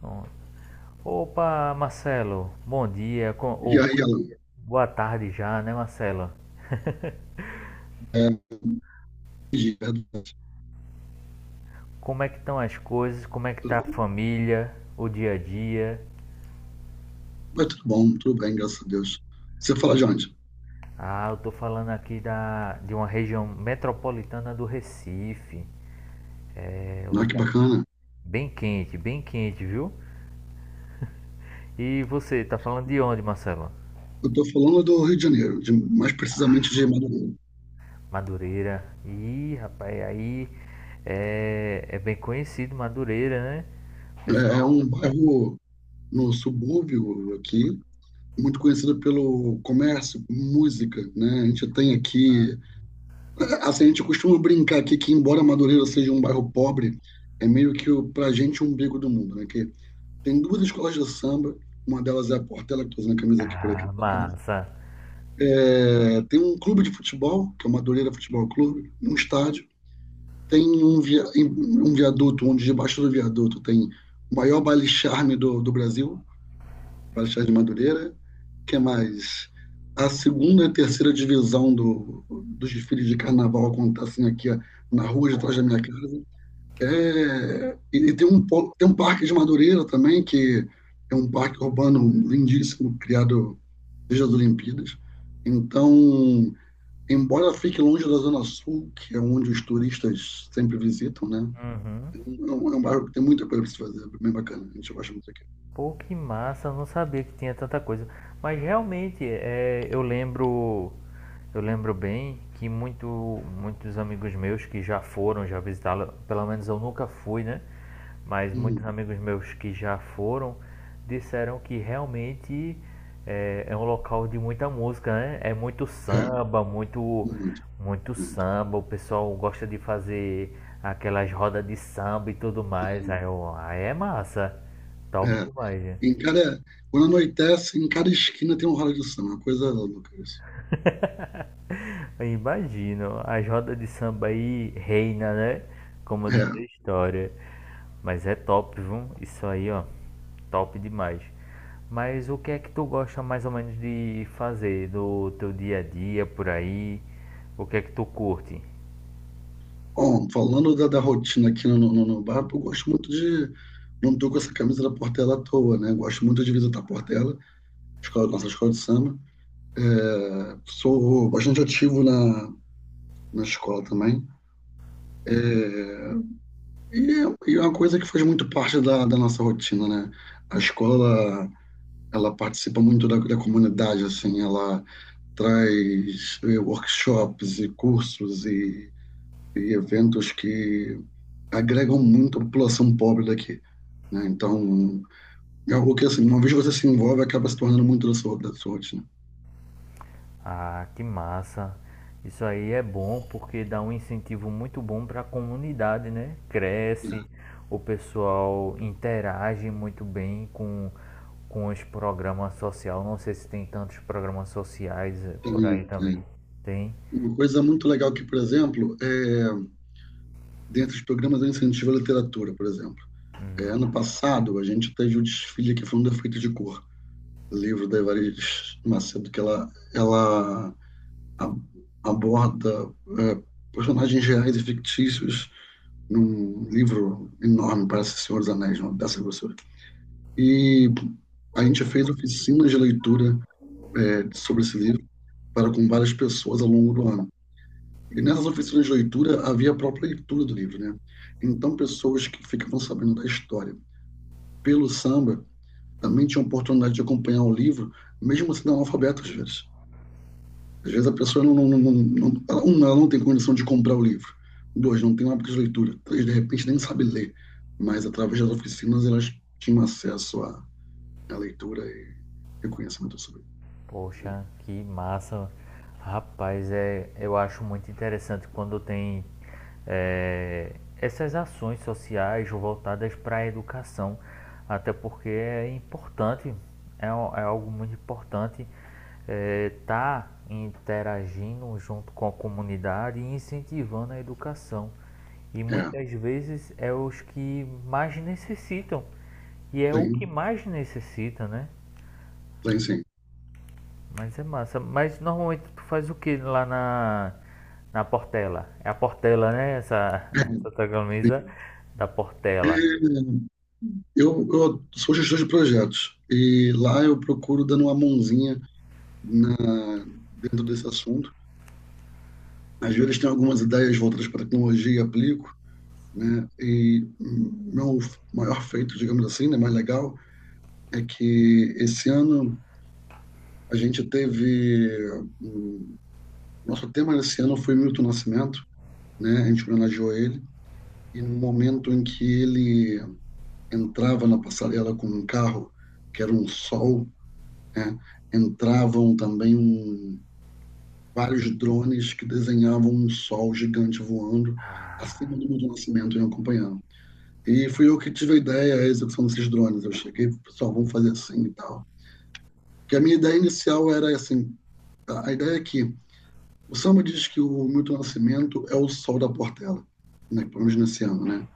Pronto. Opa, Marcelo, bom dia, co- E ou aí boa ela, boa tarde já, né, Marcelo? é, Como é que estão as coisas? Como é que tudo tá a bom? família, o dia a dia? Mas tudo bom, tudo bem, graças a Deus. Você fala de onde? Ah, eu tô falando aqui de uma região metropolitana do Recife. É um Ah, que lugar bacana. Bem quente, viu? E você, tá falando de onde, Marcelo? Eu estou falando do Rio de Janeiro, mais precisamente de Madureira. Madureira. Ih, rapaz, aí é bem conhecido Madureira, né? É, é Pessoal. um bairro no subúrbio aqui, muito conhecido pelo comércio, música, né? A gente tem aqui, assim, a gente costuma brincar aqui que embora Madureira seja um bairro pobre, é meio que o, pra gente o umbigo do mundo, né? Que tem duas escolas de samba, uma delas é a Portela, que estou usando a camisa aqui por aqui, Ah, por acaso. massa. É, tem um clube de futebol, que é o Madureira Futebol Clube, um estádio. Tem um, via, um viaduto, onde debaixo do viaduto tem o maior baile-charme do Brasil, baile-charme de Madureira. Que é mais? A segunda e terceira divisão dos desfiles de carnaval acontecem aqui ó, na rua de trás da minha casa. É, e tem um, tem um parque de Madureira também, que é um parque urbano lindíssimo, criado desde as Olimpíadas. Então, embora fique longe da Zona Sul, que é onde os turistas sempre visitam, né? Uhum. É um bairro que tem muita coisa para se fazer, é bem bacana. A gente gosta muito aqui. Pô, que massa, eu não sabia que tinha tanta coisa. Mas realmente, eu lembro bem que muito, muitos amigos meus que já foram, já visitaram, pelo menos eu nunca fui, né? Mas Hum, muitos amigos meus que já foram disseram que realmente é um local de muita música, né? É muito é, samba, muito, muito, muito muito. samba. O pessoal gosta de fazer aquelas rodas de samba e tudo mais. Tem- Aí é massa. Top é. demais, né? Em cada, quando anoitece, em cada esquina tem um ralo de samba, é uma coisa louca isso. Eu imagino. As rodas de samba aí reina, né? Como diz É. a história. Mas é top, viu? Isso aí, ó. Top demais. Mas o que é que tu gosta mais ou menos de fazer no teu dia a dia por aí? O que é que tu curte? Bom, falando da rotina aqui no bar, eu gosto muito de. Não estou com essa camisa da Portela à toa, né? Gosto muito de visitar a Portela, escola, nossa escola de samba. É, sou bastante ativo na escola também. É, e é uma coisa que faz muito parte da nossa rotina, né? A escola, ela participa muito da comunidade, assim, ela traz workshops e cursos e eventos que agregam muito a população pobre daqui, né? Então, é algo que, assim, uma vez que você se envolve, acaba se tornando muito da sua rotina. Ah, que massa. Isso aí é bom porque dá um incentivo muito bom para a comunidade, né? É, Cresce, o pessoal interage muito bem com os programas sociais. Não sei se tem tantos programas sociais por aí tem, também. tem. Tem? Uma coisa muito legal que, por exemplo, é, dentro dos programas eu incentivo a literatura, por exemplo. É, ano passado, a gente teve o desfile que foi um defeito de cor. Livro da Evariz Macedo, que ela a- aborda é, personagens reais e fictícios num livro enorme, parece Senhor dos Anéis, não, dessa grossura. E a gente fez oficinas de leitura é, sobre esse livro para com várias pessoas ao longo do ano. E nessas oficinas de leitura havia a própria leitura do livro, né? Então, pessoas que ficavam sabendo da história pelo samba também tinha a oportunidade de acompanhar o livro, mesmo sendo analfabeto às vezes. Às vezes a pessoa não, ela não tem condição de comprar o livro. Dois, não tem um hábito de leitura. Três, de repente nem sabe ler. Mas através das oficinas elas tinham acesso à, à leitura e, reconhecimento conhecimento sobre ele. Poxa, que massa. Rapaz, eu acho muito interessante quando tem é, essas ações sociais voltadas para a educação, até porque é importante, é algo muito importante estar interagindo junto com a comunidade e incentivando a educação. E É, muitas vezes é os que mais necessitam, e é o que sim, mais necessita, né? sim, sim. Mas é massa. Mas normalmente tu faz o que lá na Portela? É a Portela, né? Essa, essa tua camisa da Portela. Eu sou gestor de projetos e lá eu procuro dando uma mãozinha na, dentro desse assunto. Às vezes tenho algumas ideias voltadas para a tecnologia e aplico, né? E meu maior feito, digamos assim, né, mais legal, é que esse ano a gente teve hum, nosso tema desse ano foi Milton Nascimento, né? A gente homenageou ele e no momento em que ele entrava na passarela com um carro que era um sol, né? Entravam também um, vários drones que desenhavam um sol gigante voando acima do Milton Nascimento e acompanhando. E fui eu que tive a ideia, a execução desses drones. Eu cheguei, pessoal, vamos fazer assim e tal. Que a minha ideia inicial era assim, a ideia é que o samba diz que o Milton Nascimento é o sol da Portela, né? Pelo menos nesse ano, né?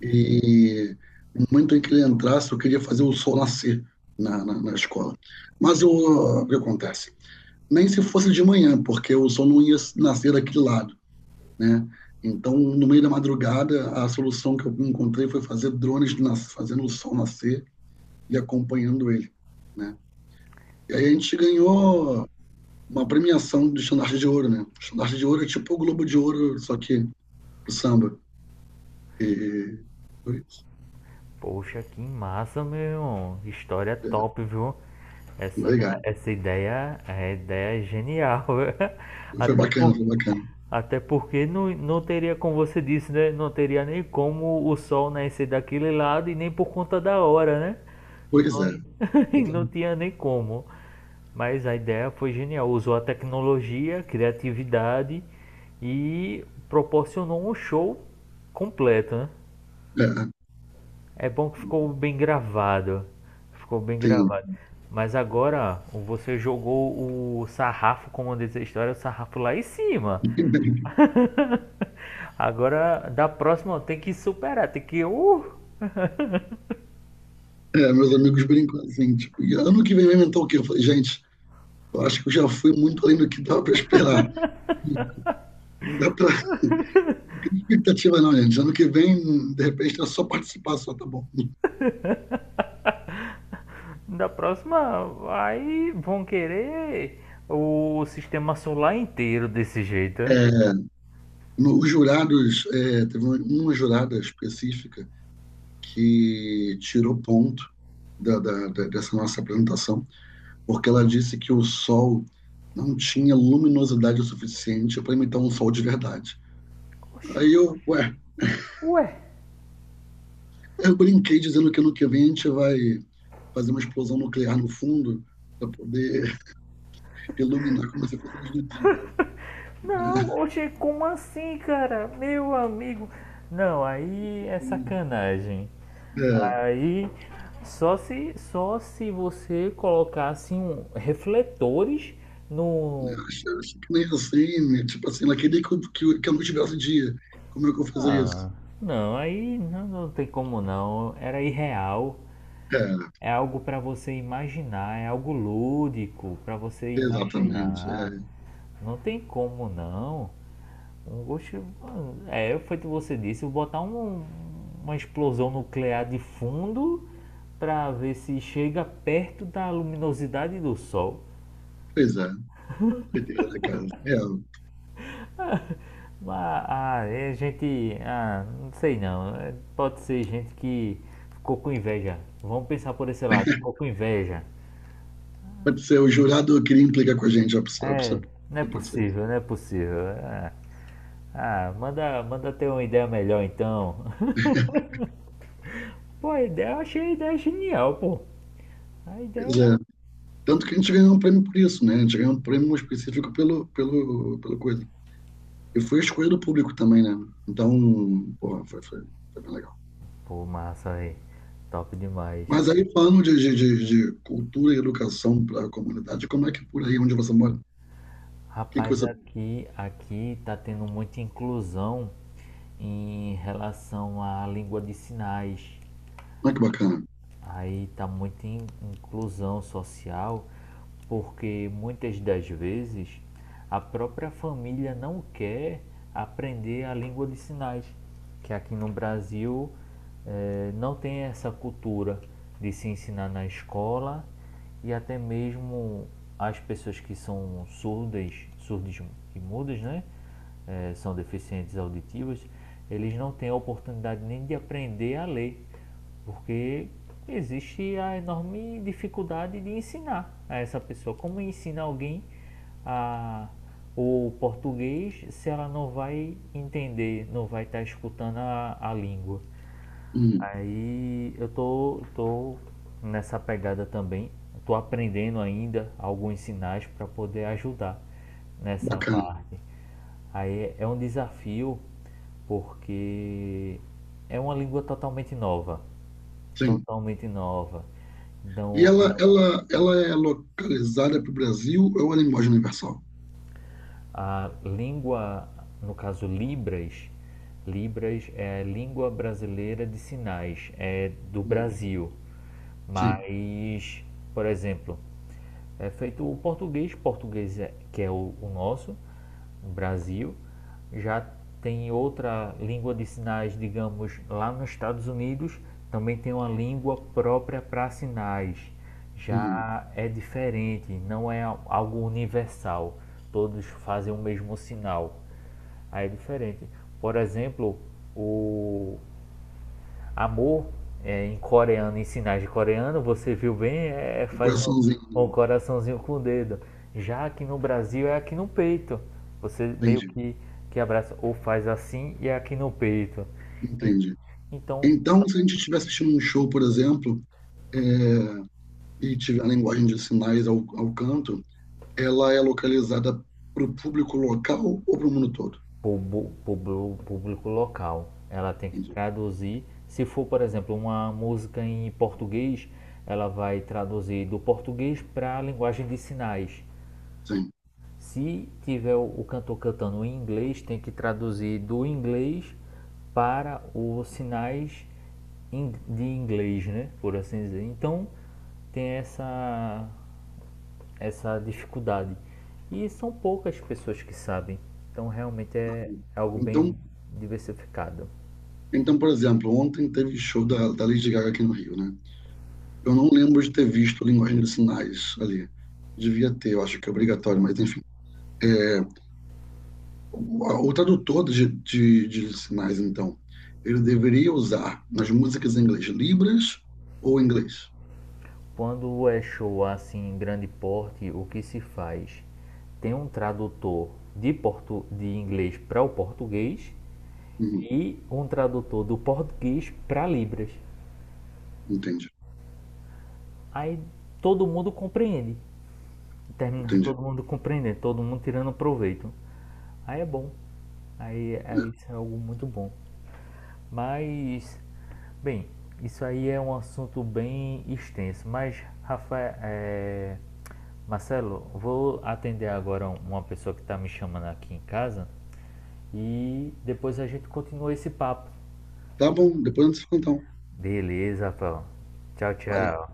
E no momento em que ele entrasse, eu queria fazer o sol nascer na escola. Mas eu, o que acontece? Nem se fosse de manhã, porque o sol não ia nascer daquele lado, né? Então, no meio da madrugada, a solução que eu encontrei foi fazer drones nas, fazendo o sol nascer e acompanhando ele, né? E aí a gente Oh, ganhou uma premiação do Estandarte de Ouro, né? O Estandarte de Ouro é tipo o Globo de Ouro, só que o samba. E foi isso. poxa, que massa, meu. História É, top, viu? Essa, legal. da- essa ideia é genial. Foi Até bacana, por, foi bacana. até porque não, não teria, como você disse, né? Não teria nem como o sol nascer daquele lado e nem por conta da hora, né? Pois Não, é. não Então, tinha nem como. Mas a ideia foi genial. Usou a tecnologia, criatividade e proporcionou um show completo, né? é, É bom que ficou bem gravado. Ficou bem tem... gravado. Mas agora você jogou o sarrafo, como diz a história, o sarrafo lá em cima. Agora, da próxima tem que superar, tem que. É, meus amigos brincam assim, tipo, ano que vem vai inventar o quê? Eu falei, gente, eu acho que eu já fui muito além do que dava para esperar. Não dá para. Não tem expectativa, não, gente. Ano que vem, de repente, é só participar, só tá bom. Da próxima, aí vão querer o sistema solar inteiro desse jeito, né? É, no, os jurados, é, teve uma jurada específica que tirou ponto dessa nossa apresentação, porque ela disse que o Sol não tinha luminosidade o suficiente para imitar um Sol de verdade. Oxi, Aí eu, ué, ué, eu brinquei dizendo que ano que vem a gente vai fazer uma explosão nuclear no fundo para poder iluminar como se fosse a luz do dia. Né? não, oxi, como assim, cara? Meu amigo. Não, aí é sacanagem. É, Aí só se você colocasse um, refletores no. eu acho, acho que nem assim, né? Tipo assim, ela queria que a luz tivesse dia. Como é que eu vou fazer isso? Ah, não, aí não, não tem como não. Era irreal. É, É algo para você imaginar, é algo lúdico para você exatamente. imaginar. É. Não tem como não. Um gosto, é, foi o que você disse, botar uma explosão nuclear de fundo para ver se chega perto da luminosidade do sol. Pois é. Coitada, cara. É, Mas ah, é gente, ah, não sei não. É, pode ser gente que ficou com inveja. Vamos pensar por esse lado, ficou com inveja. pode ser, o jurado queria implicar com a gente, a pessoa- É, não é pode ser isso. possível, não é possível. É. Ah, manda, manda ter uma ideia melhor então. Pô, a ideia, eu achei a ideia genial, pô. A Pois ideia. É é. Tanto que a gente ganhou um prêmio por isso, né? A gente ganhou um prêmio específico pelo coisa. E foi escolha do público também, né? Então, porra, foi bem legal. Pô, massa aí. Top demais. Mas aí, falando de cultura e educação para a comunidade, como é que é por aí onde você mora? O que que Rapaz, você. aqui, aqui tá tendo muita inclusão em relação à língua de sinais. Olha que bacana. Aí tá muita inclusão social, porque muitas das vezes a própria família não quer aprender a língua de sinais, que aqui no Brasil não tem essa cultura de se ensinar na escola e até mesmo as pessoas que são surdas, surdas e mudas, né? São deficientes auditivos, eles não têm a oportunidade nem de aprender a ler porque existe a enorme dificuldade de ensinar a essa pessoa. Como ensinar alguém a, o português se ela não vai entender, não vai estar escutando a língua? Hum, Aí eu tô, tô nessa pegada também. Tô aprendendo ainda alguns sinais para poder ajudar nessa bacana. parte. Aí é um desafio porque é uma língua totalmente nova Sim. totalmente nova. E Então, e ela é localizada para o Brasil ou ela é em linguagem universal? a língua, no caso Libras, Libras é a língua brasileira de sinais, é do Hum, Brasil. sim. Mas, por exemplo, é feito o português, português é, que é o nosso, no Brasil, já tem outra língua de sinais, digamos, lá nos Estados Unidos, também tem uma língua própria para sinais. Já Hum, é diferente, não é algo universal. Todos fazem o mesmo sinal. Aí é diferente. Por exemplo, o amor é em coreano, em sinais de coreano, você viu bem, é, no faz um, um coraçãozinho. coraçãozinho com o dedo. Já aqui no Brasil é aqui no peito. Você meio Entendi. Que abraça ou faz assim e é aqui no peito. E- Entendi. então, Então, se a gente estiver assistindo um show, por exemplo, é, e tiver a linguagem de sinais ao, ao canto, ela é localizada para o público local ou para o mundo todo? Público local, ela tem que Entendi. traduzir. Se for, por exemplo, uma música em português, ela vai traduzir do português para a linguagem de sinais. Sim. Se tiver cantor cantando em inglês, tem que traduzir do inglês para os sinais de inglês, né? Por assim dizer. Então tem essa dificuldade. E são poucas pessoas que sabem. Então realmente é algo bem Então, diversificado. então, por exemplo, ontem teve show da Lady Gaga aqui no Rio, né? Eu não lembro de ter visto a linguagem de sinais ali. Devia ter, eu acho que é obrigatório, mas enfim. É, o tradutor de sinais, então, ele deveria usar nas músicas em inglês libras ou inglês? Quando é show assim em grande porte, o que se faz? Tem um tradutor de inglês para o português Uhum, e um tradutor do português para Libras. entendi, Aí todo mundo compreende. Termina entendi. todo mundo compreendendo, todo mundo tirando proveito. Aí é bom. Aí isso é algo muito bom. Mas, bem, isso aí é um assunto bem extenso. Mas, Rafael, Marcelo, vou atender agora uma pessoa que está me chamando aqui em casa e depois a gente continua esse papo. Tá bom, depois a gente se fala, então. Beleza, Rafael. Tchau, Valeu. tchau.